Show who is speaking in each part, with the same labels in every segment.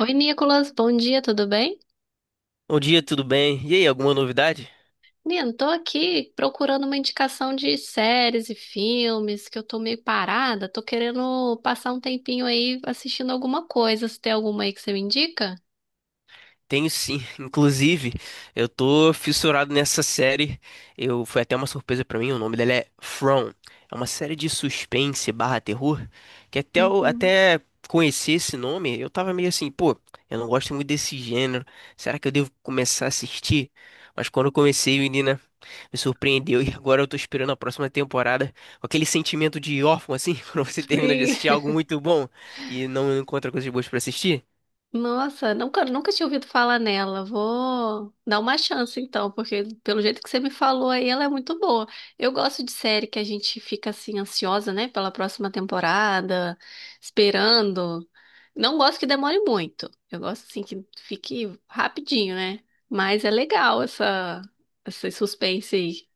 Speaker 1: Oi, Nicolas, bom dia, tudo bem?
Speaker 2: Bom dia, tudo bem? E aí, alguma novidade?
Speaker 1: Nino, tô aqui procurando uma indicação de séries e filmes, que eu tô meio parada, tô querendo passar um tempinho aí assistindo alguma coisa. Se tem alguma aí que você me indica?
Speaker 2: Tenho sim. Inclusive, eu tô fissurado nessa série. Eu foi até uma surpresa pra mim. O nome dela é From. É uma série de suspense barra terror que
Speaker 1: Uhum.
Speaker 2: até conhecer esse nome, eu tava meio assim, pô, eu não gosto muito desse gênero. Será que eu devo começar a assistir? Mas quando eu comecei, menina, me surpreendeu e agora eu tô esperando a próxima temporada com aquele sentimento de órfão assim, quando você termina de
Speaker 1: Sim.
Speaker 2: assistir algo muito bom e não encontra coisas boas pra assistir.
Speaker 1: Nossa, nunca tinha ouvido falar nela. Vou dar uma chance então, porque pelo jeito que você me falou aí, ela é muito boa. Eu gosto de série que a gente fica assim ansiosa, né, pela próxima temporada, esperando. Não gosto que demore muito. Eu gosto assim que fique rapidinho, né? Mas é legal essa esse suspense aí.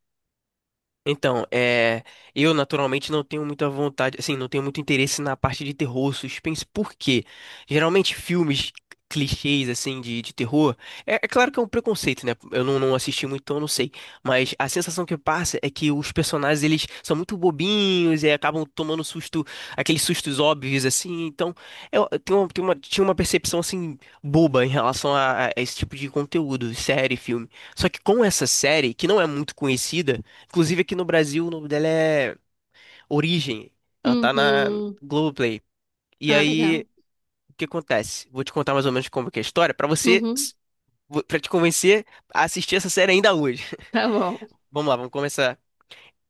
Speaker 2: Então, eu naturalmente não tenho muita vontade, assim, não tenho muito interesse na parte de terror, suspense, porque geralmente filmes clichês, assim, de terror, é claro que é um preconceito, né? Eu não assisti muito, então eu não sei, mas a sensação que passa é que os personagens, eles são muito bobinhos e acabam tomando susto, aqueles sustos óbvios, assim, então eu tenho uma, tinha uma percepção, assim, boba em relação a esse tipo de conteúdo, série, filme. Só que com essa série, que não é muito conhecida, inclusive aqui no Brasil, o nome dela é Origem. Ela tá na
Speaker 1: Uhum.
Speaker 2: Globoplay. E
Speaker 1: Ah, legal.
Speaker 2: aí, o que acontece? Vou te contar mais ou menos como que é a história pra você,
Speaker 1: Uhum.
Speaker 2: para te convencer a assistir essa série ainda hoje.
Speaker 1: Tá bom.
Speaker 2: Vamos lá, vamos começar.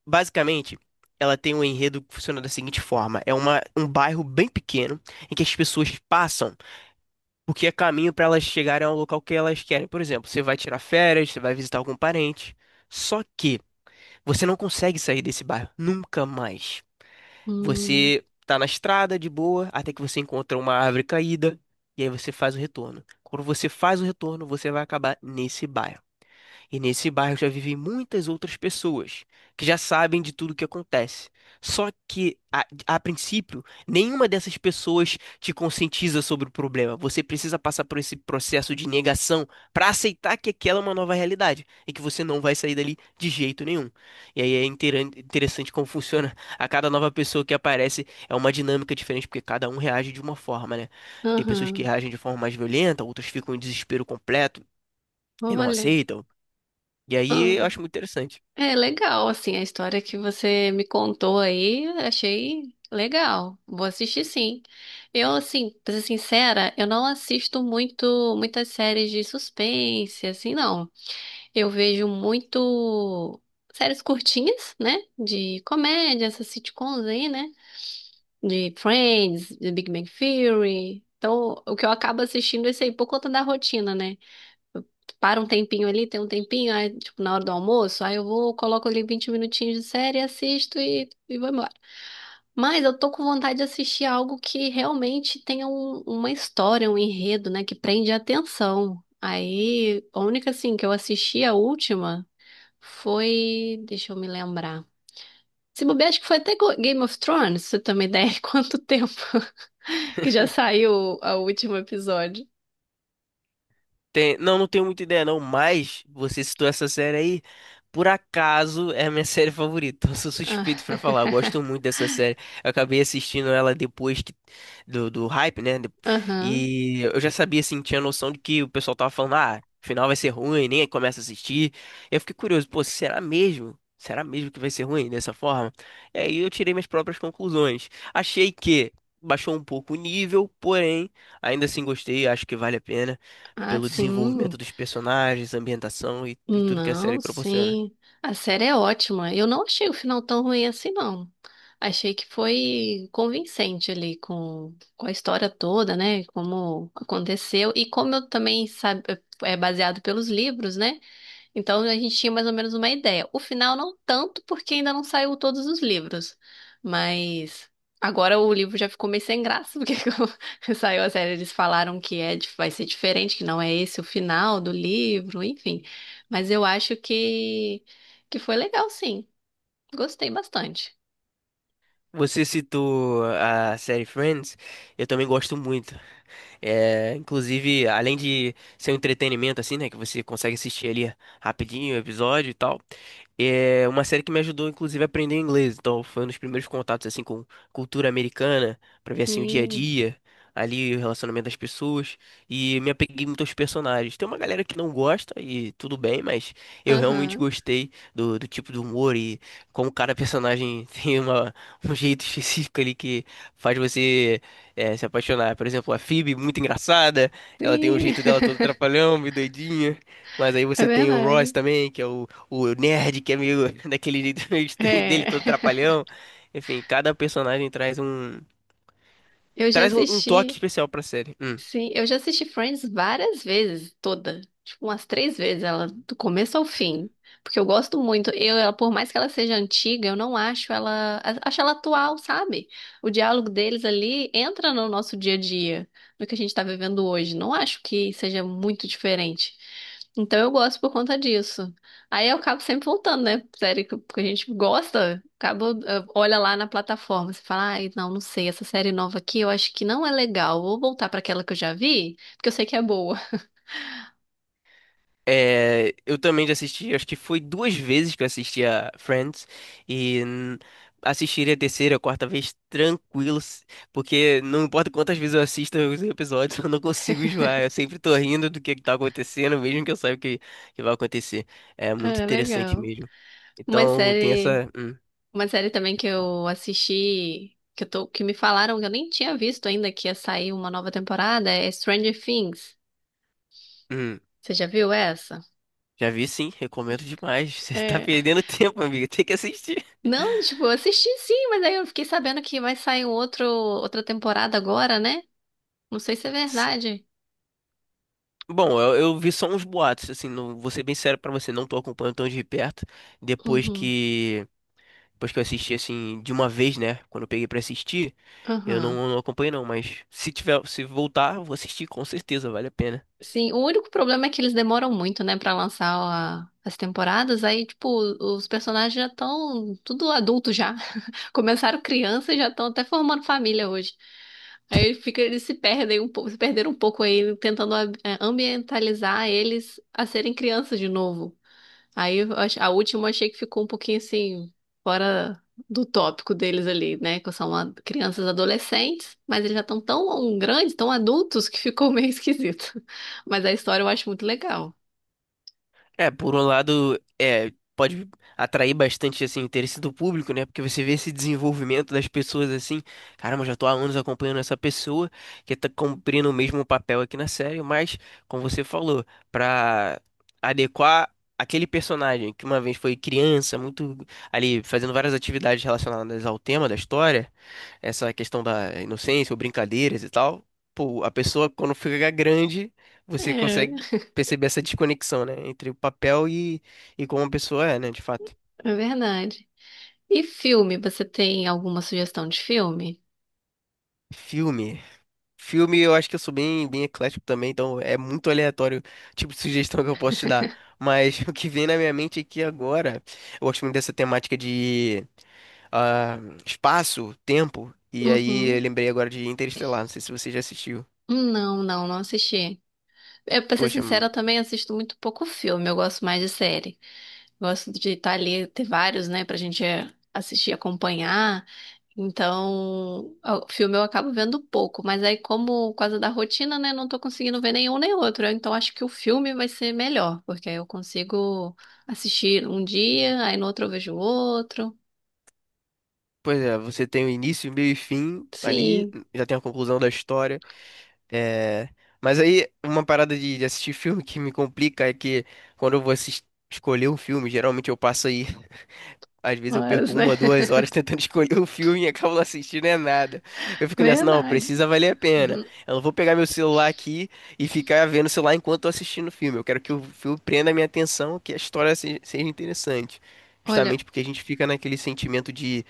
Speaker 2: Basicamente, ela tem um enredo que funciona da seguinte forma: é um bairro bem pequeno em que as pessoas passam porque é caminho pra elas chegarem ao local que elas querem. Por exemplo, você vai tirar férias, você vai visitar algum parente. Só que você não consegue sair desse bairro nunca mais.
Speaker 1: Hum.
Speaker 2: Você tá na estrada de boa, até que você encontra uma árvore caída, e aí você faz o retorno. Quando você faz o retorno, você vai acabar nesse bairro. E nesse bairro já vivem muitas outras pessoas que já sabem de tudo o que acontece. Só que, a princípio, nenhuma dessas pessoas te conscientiza sobre o problema. Você precisa passar por esse processo de negação para aceitar que aquela é uma nova realidade e que você não vai sair dali de jeito nenhum. E aí é interessante como funciona. A cada nova pessoa que aparece é uma dinâmica diferente, porque cada um reage de uma forma, né? Tem pessoas que
Speaker 1: Aham.
Speaker 2: reagem de forma mais violenta, outras ficam em desespero completo e não
Speaker 1: Olha.
Speaker 2: aceitam. E aí eu
Speaker 1: Ah.
Speaker 2: acho muito interessante.
Speaker 1: É legal, assim, a história que você me contou aí, achei legal. Vou assistir, sim. Eu, assim, pra ser sincera, eu não assisto muito muitas séries de suspense, assim, não. Eu vejo muito séries curtinhas, né? De comédia, essas sitcoms aí, né? De Friends, de Big Bang Theory. Então, o que eu acabo assistindo é isso aí por conta da rotina, né? Para um tempinho ali, tem um tempinho, aí, tipo, na hora do almoço, aí eu vou, coloco ali 20 minutinhos de série, assisto e vou embora. Mas eu tô com vontade de assistir algo que realmente tenha uma história, um enredo, né, que prende a atenção. Aí, a única, assim, que eu assisti, a última, foi. Deixa eu me lembrar. Se bobear, acho que foi até Game of Thrones, pra você ter uma ideia de quanto tempo que já saiu o último episódio.
Speaker 2: Não, não tenho muita ideia não, mas você citou essa série aí, por acaso é a minha série favorita. Eu sou
Speaker 1: Ah.
Speaker 2: suspeito pra falar, eu gosto muito dessa série. Eu acabei assistindo ela do hype, né?
Speaker 1: Aham.
Speaker 2: E eu já sabia, assim, tinha noção de que o pessoal tava falando, ah, o final vai ser ruim, nem começa a assistir. Eu fiquei curioso, pô, será mesmo? Será mesmo que vai ser ruim dessa forma? E aí eu tirei minhas próprias conclusões. Achei que baixou um pouco o nível, porém, ainda assim gostei, acho que vale a pena
Speaker 1: Ah,
Speaker 2: pelo
Speaker 1: sim.
Speaker 2: desenvolvimento dos personagens, ambientação e tudo que a série
Speaker 1: Não,
Speaker 2: proporciona.
Speaker 1: sim. A série é ótima. Eu não achei o final tão ruim assim, não. Achei que foi convincente ali com a história toda, né? Como aconteceu. E como eu também sabe, é baseado pelos livros, né? Então a gente tinha mais ou menos uma ideia. O final não tanto, porque ainda não saiu todos os livros. Mas agora o livro já ficou meio sem graça, porque quando saiu a série, eles falaram que é, vai ser diferente, que não é esse o final do livro, enfim. Mas eu acho que foi legal, sim. Gostei bastante.
Speaker 2: Você citou a série Friends, eu também gosto muito. É, inclusive, além de ser um entretenimento, assim, né? Que você consegue assistir ali rapidinho o episódio e tal. É uma série que me ajudou, inclusive, a aprender inglês. Então, foi um dos primeiros contatos, assim, com cultura americana, pra ver, assim, o dia a
Speaker 1: Sim.
Speaker 2: dia, ali, o relacionamento das pessoas. E me apeguei muito aos personagens. Tem uma galera que não gosta, e tudo bem, mas eu realmente
Speaker 1: Aham.
Speaker 2: gostei do tipo de humor e como cada personagem tem uma, um jeito específico ali que faz você se apaixonar. Por exemplo, a Phoebe, muito engraçada, ela tem o
Speaker 1: Sim.
Speaker 2: jeito dela todo trapalhão, meio doidinha. Mas aí
Speaker 1: É
Speaker 2: você tem o Ross
Speaker 1: verdade.
Speaker 2: também, que é o nerd, que é meio daquele jeito meio estranho dele,
Speaker 1: É.
Speaker 2: todo trapalhão. Enfim, cada personagem traz um,
Speaker 1: Eu já
Speaker 2: traz um, um toque
Speaker 1: assisti.
Speaker 2: especial pra série. Hum.
Speaker 1: Sim, eu já assisti Friends várias vezes, toda. Tipo, umas três vezes, ela do começo ao fim. Porque eu gosto muito. Eu, ela, por mais que ela seja antiga, eu não acho ela. Acho ela atual, sabe? O diálogo deles ali entra no nosso dia a dia, no que a gente tá vivendo hoje. Não acho que seja muito diferente. Então eu gosto por conta disso. Aí eu acabo sempre voltando, né? Série que a gente gosta, acaba, olha lá na plataforma, você fala, ai, não sei, essa série nova aqui eu acho que não é legal. Vou voltar pra aquela que eu já vi, porque eu sei que é boa.
Speaker 2: É, eu também já assisti, acho que foi duas vezes que eu assisti a Friends e assistiria a terceira, a quarta vez tranquilo, porque não importa quantas vezes eu assisto os episódios, eu não consigo enjoar, eu sempre tô rindo do que tá acontecendo, mesmo que eu saiba o que, que vai acontecer. É muito
Speaker 1: É
Speaker 2: interessante
Speaker 1: legal.
Speaker 2: mesmo.
Speaker 1: Uma
Speaker 2: Então tem
Speaker 1: série,
Speaker 2: essa.
Speaker 1: uma série também que eu assisti, que eu tô, que me falaram que eu nem tinha visto ainda que ia sair uma nova temporada, é Stranger Things.
Speaker 2: Hum,
Speaker 1: Você já viu essa?
Speaker 2: Já vi sim, recomendo demais. Você tá
Speaker 1: É.
Speaker 2: perdendo tempo, amigo, tem que assistir.
Speaker 1: Não, tipo, eu assisti sim, mas aí eu fiquei sabendo que vai sair outra temporada agora, né? Não sei se é verdade.
Speaker 2: Bom, eu vi só uns boatos, assim, não, vou ser bem sério pra você, não tô acompanhando tão de perto. Depois
Speaker 1: Uhum.
Speaker 2: que, depois que eu assisti, assim, de uma vez, né? Quando eu peguei pra assistir, eu
Speaker 1: Aham.
Speaker 2: não, não acompanhei não, mas se tiver, se voltar, eu vou assistir com certeza, vale a pena.
Speaker 1: Sim, o único problema é que eles demoram muito, né, pra lançar as temporadas. Aí, tipo, os personagens já estão tudo adulto já. Começaram criança e já estão até formando família hoje. Aí fica, eles se perdem um pouco, se perderam um pouco aí, tentando ambientalizar eles a serem crianças de novo. Aí eu a última eu achei que ficou um pouquinho assim, fora do tópico deles ali, né? Que são crianças adolescentes, mas eles já estão tão grandes, tão adultos, que ficou meio esquisito. Mas a história eu acho muito legal.
Speaker 2: É, por um lado, é, pode atrair bastante assim, interesse do público, né? Porque você vê esse desenvolvimento das pessoas assim, caramba, eu já tô há anos acompanhando essa pessoa que tá cumprindo o mesmo papel aqui na série, mas, como você falou, pra adequar aquele personagem que uma vez foi criança, muito ali fazendo várias atividades relacionadas ao tema da história, essa questão da inocência ou brincadeiras e tal, pô, a pessoa quando fica grande, você
Speaker 1: É,
Speaker 2: consegue perceber essa desconexão, né, entre o papel e como a pessoa é, né, de fato.
Speaker 1: é verdade. E filme, você tem alguma sugestão de filme?
Speaker 2: Filme. Filme, eu acho que eu sou bem, bem eclético também, então é muito aleatório o tipo de sugestão que eu posso te dar. Mas o que vem na minha mente aqui agora, eu gosto muito dessa temática de ah, espaço, tempo, e aí eu
Speaker 1: Uhum.
Speaker 2: lembrei agora de Interestelar, não sei se você já assistiu.
Speaker 1: Não assisti. Eu, pra ser
Speaker 2: Poxa.
Speaker 1: sincera, eu também assisto muito pouco filme, eu gosto mais de série. Gosto de estar ali, ter vários, né, pra gente assistir, acompanhar. Então, o filme eu acabo vendo pouco, mas aí, como por causa da rotina, né, não tô conseguindo ver nenhum nem outro. Então, acho que o filme vai ser melhor, porque aí eu consigo assistir um dia, aí no outro eu vejo outro.
Speaker 2: Pois é, você tem o início, meio e fim ali,
Speaker 1: Sim,
Speaker 2: já tem a conclusão da história. É... Mas aí, uma parada de assistir filme que me complica é que quando eu vou escolher um filme, geralmente eu passo aí às vezes eu perco
Speaker 1: horas, né?
Speaker 2: uma, duas horas tentando escolher o filme e acabo não assistindo é nada. Eu fico nessa, não,
Speaker 1: Verdade.
Speaker 2: precisa valer a pena.
Speaker 1: Uhum.
Speaker 2: Eu não vou pegar meu celular aqui e ficar vendo o celular enquanto tô assistindo o filme. Eu quero que o filme prenda a minha atenção, que a história seja interessante.
Speaker 1: Olha,
Speaker 2: Justamente porque a gente fica naquele sentimento de,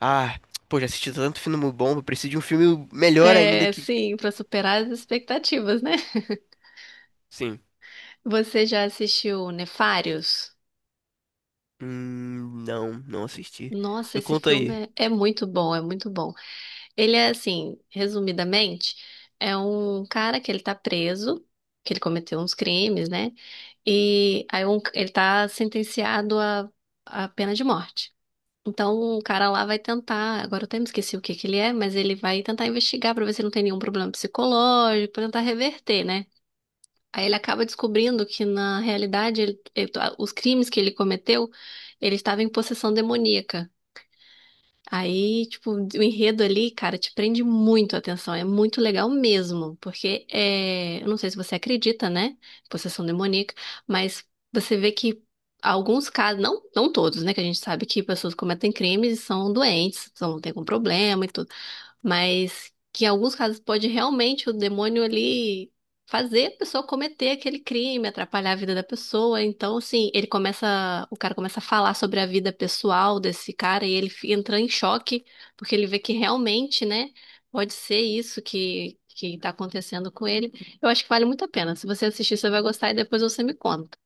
Speaker 2: ah, pô, já assisti tanto filme bom, eu preciso de um filme melhor ainda que,
Speaker 1: sim, para superar as expectativas, né?
Speaker 2: sim.
Speaker 1: Você já assistiu Nefários?
Speaker 2: Não assisti.
Speaker 1: Nossa,
Speaker 2: Me
Speaker 1: esse
Speaker 2: conta aí.
Speaker 1: filme é muito bom, é muito bom. Ele é assim, resumidamente, é um cara que ele tá preso, que ele cometeu uns crimes, né? E aí ele tá sentenciado à pena de morte. Então o cara lá vai tentar, agora eu até me esqueci o que que ele é, mas ele vai tentar investigar pra ver se não tem nenhum problema psicológico, pra tentar reverter, né? Aí ele acaba descobrindo que na realidade os crimes que ele cometeu, ele estava em possessão demoníaca. Aí, tipo, o enredo ali, cara, te prende muito a atenção. É muito legal mesmo, porque eu não sei se você acredita, né? Possessão demoníaca, mas você vê que alguns casos, não, não todos, né? Que a gente sabe que pessoas cometem crimes e são doentes, são, tem algum problema e tudo. Mas que em alguns casos pode realmente o demônio ali fazer a pessoa cometer aquele crime, atrapalhar a vida da pessoa. Então, assim, ele começa, o cara começa a falar sobre a vida pessoal desse cara e ele entra em choque, porque ele vê que realmente, né, pode ser isso que tá acontecendo com ele. Eu acho que vale muito a pena. Se você assistir, você vai gostar e depois você me conta.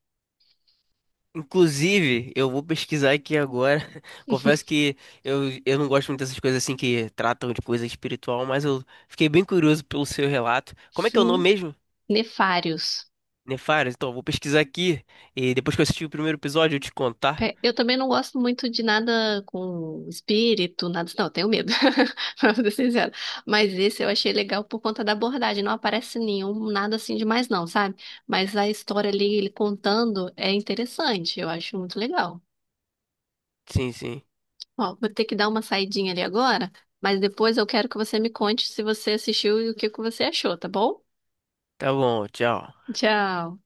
Speaker 2: Inclusive, eu vou pesquisar aqui agora. Confesso que eu não gosto muito dessas coisas assim que tratam de coisa espiritual, mas eu fiquei bem curioso pelo seu relato. Como é que é o nome
Speaker 1: Sim.
Speaker 2: mesmo?
Speaker 1: Nefários.
Speaker 2: Nefares? Então, eu vou pesquisar aqui e depois que eu assistir o primeiro episódio eu te contar.
Speaker 1: É, eu também não gosto muito de nada com espírito, nada. Não, eu tenho medo, pra ser sincero. Mas esse eu achei legal por conta da abordagem. Não aparece nenhum, nada assim demais, não, sabe? Mas a história ali, ele contando, é interessante. Eu acho muito legal.
Speaker 2: Sim, sim.
Speaker 1: Ó, vou ter que dar uma saidinha ali agora, mas depois eu quero que você me conte se você assistiu e o que que você achou, tá bom?
Speaker 2: Tá bom, tchau.
Speaker 1: Tchau.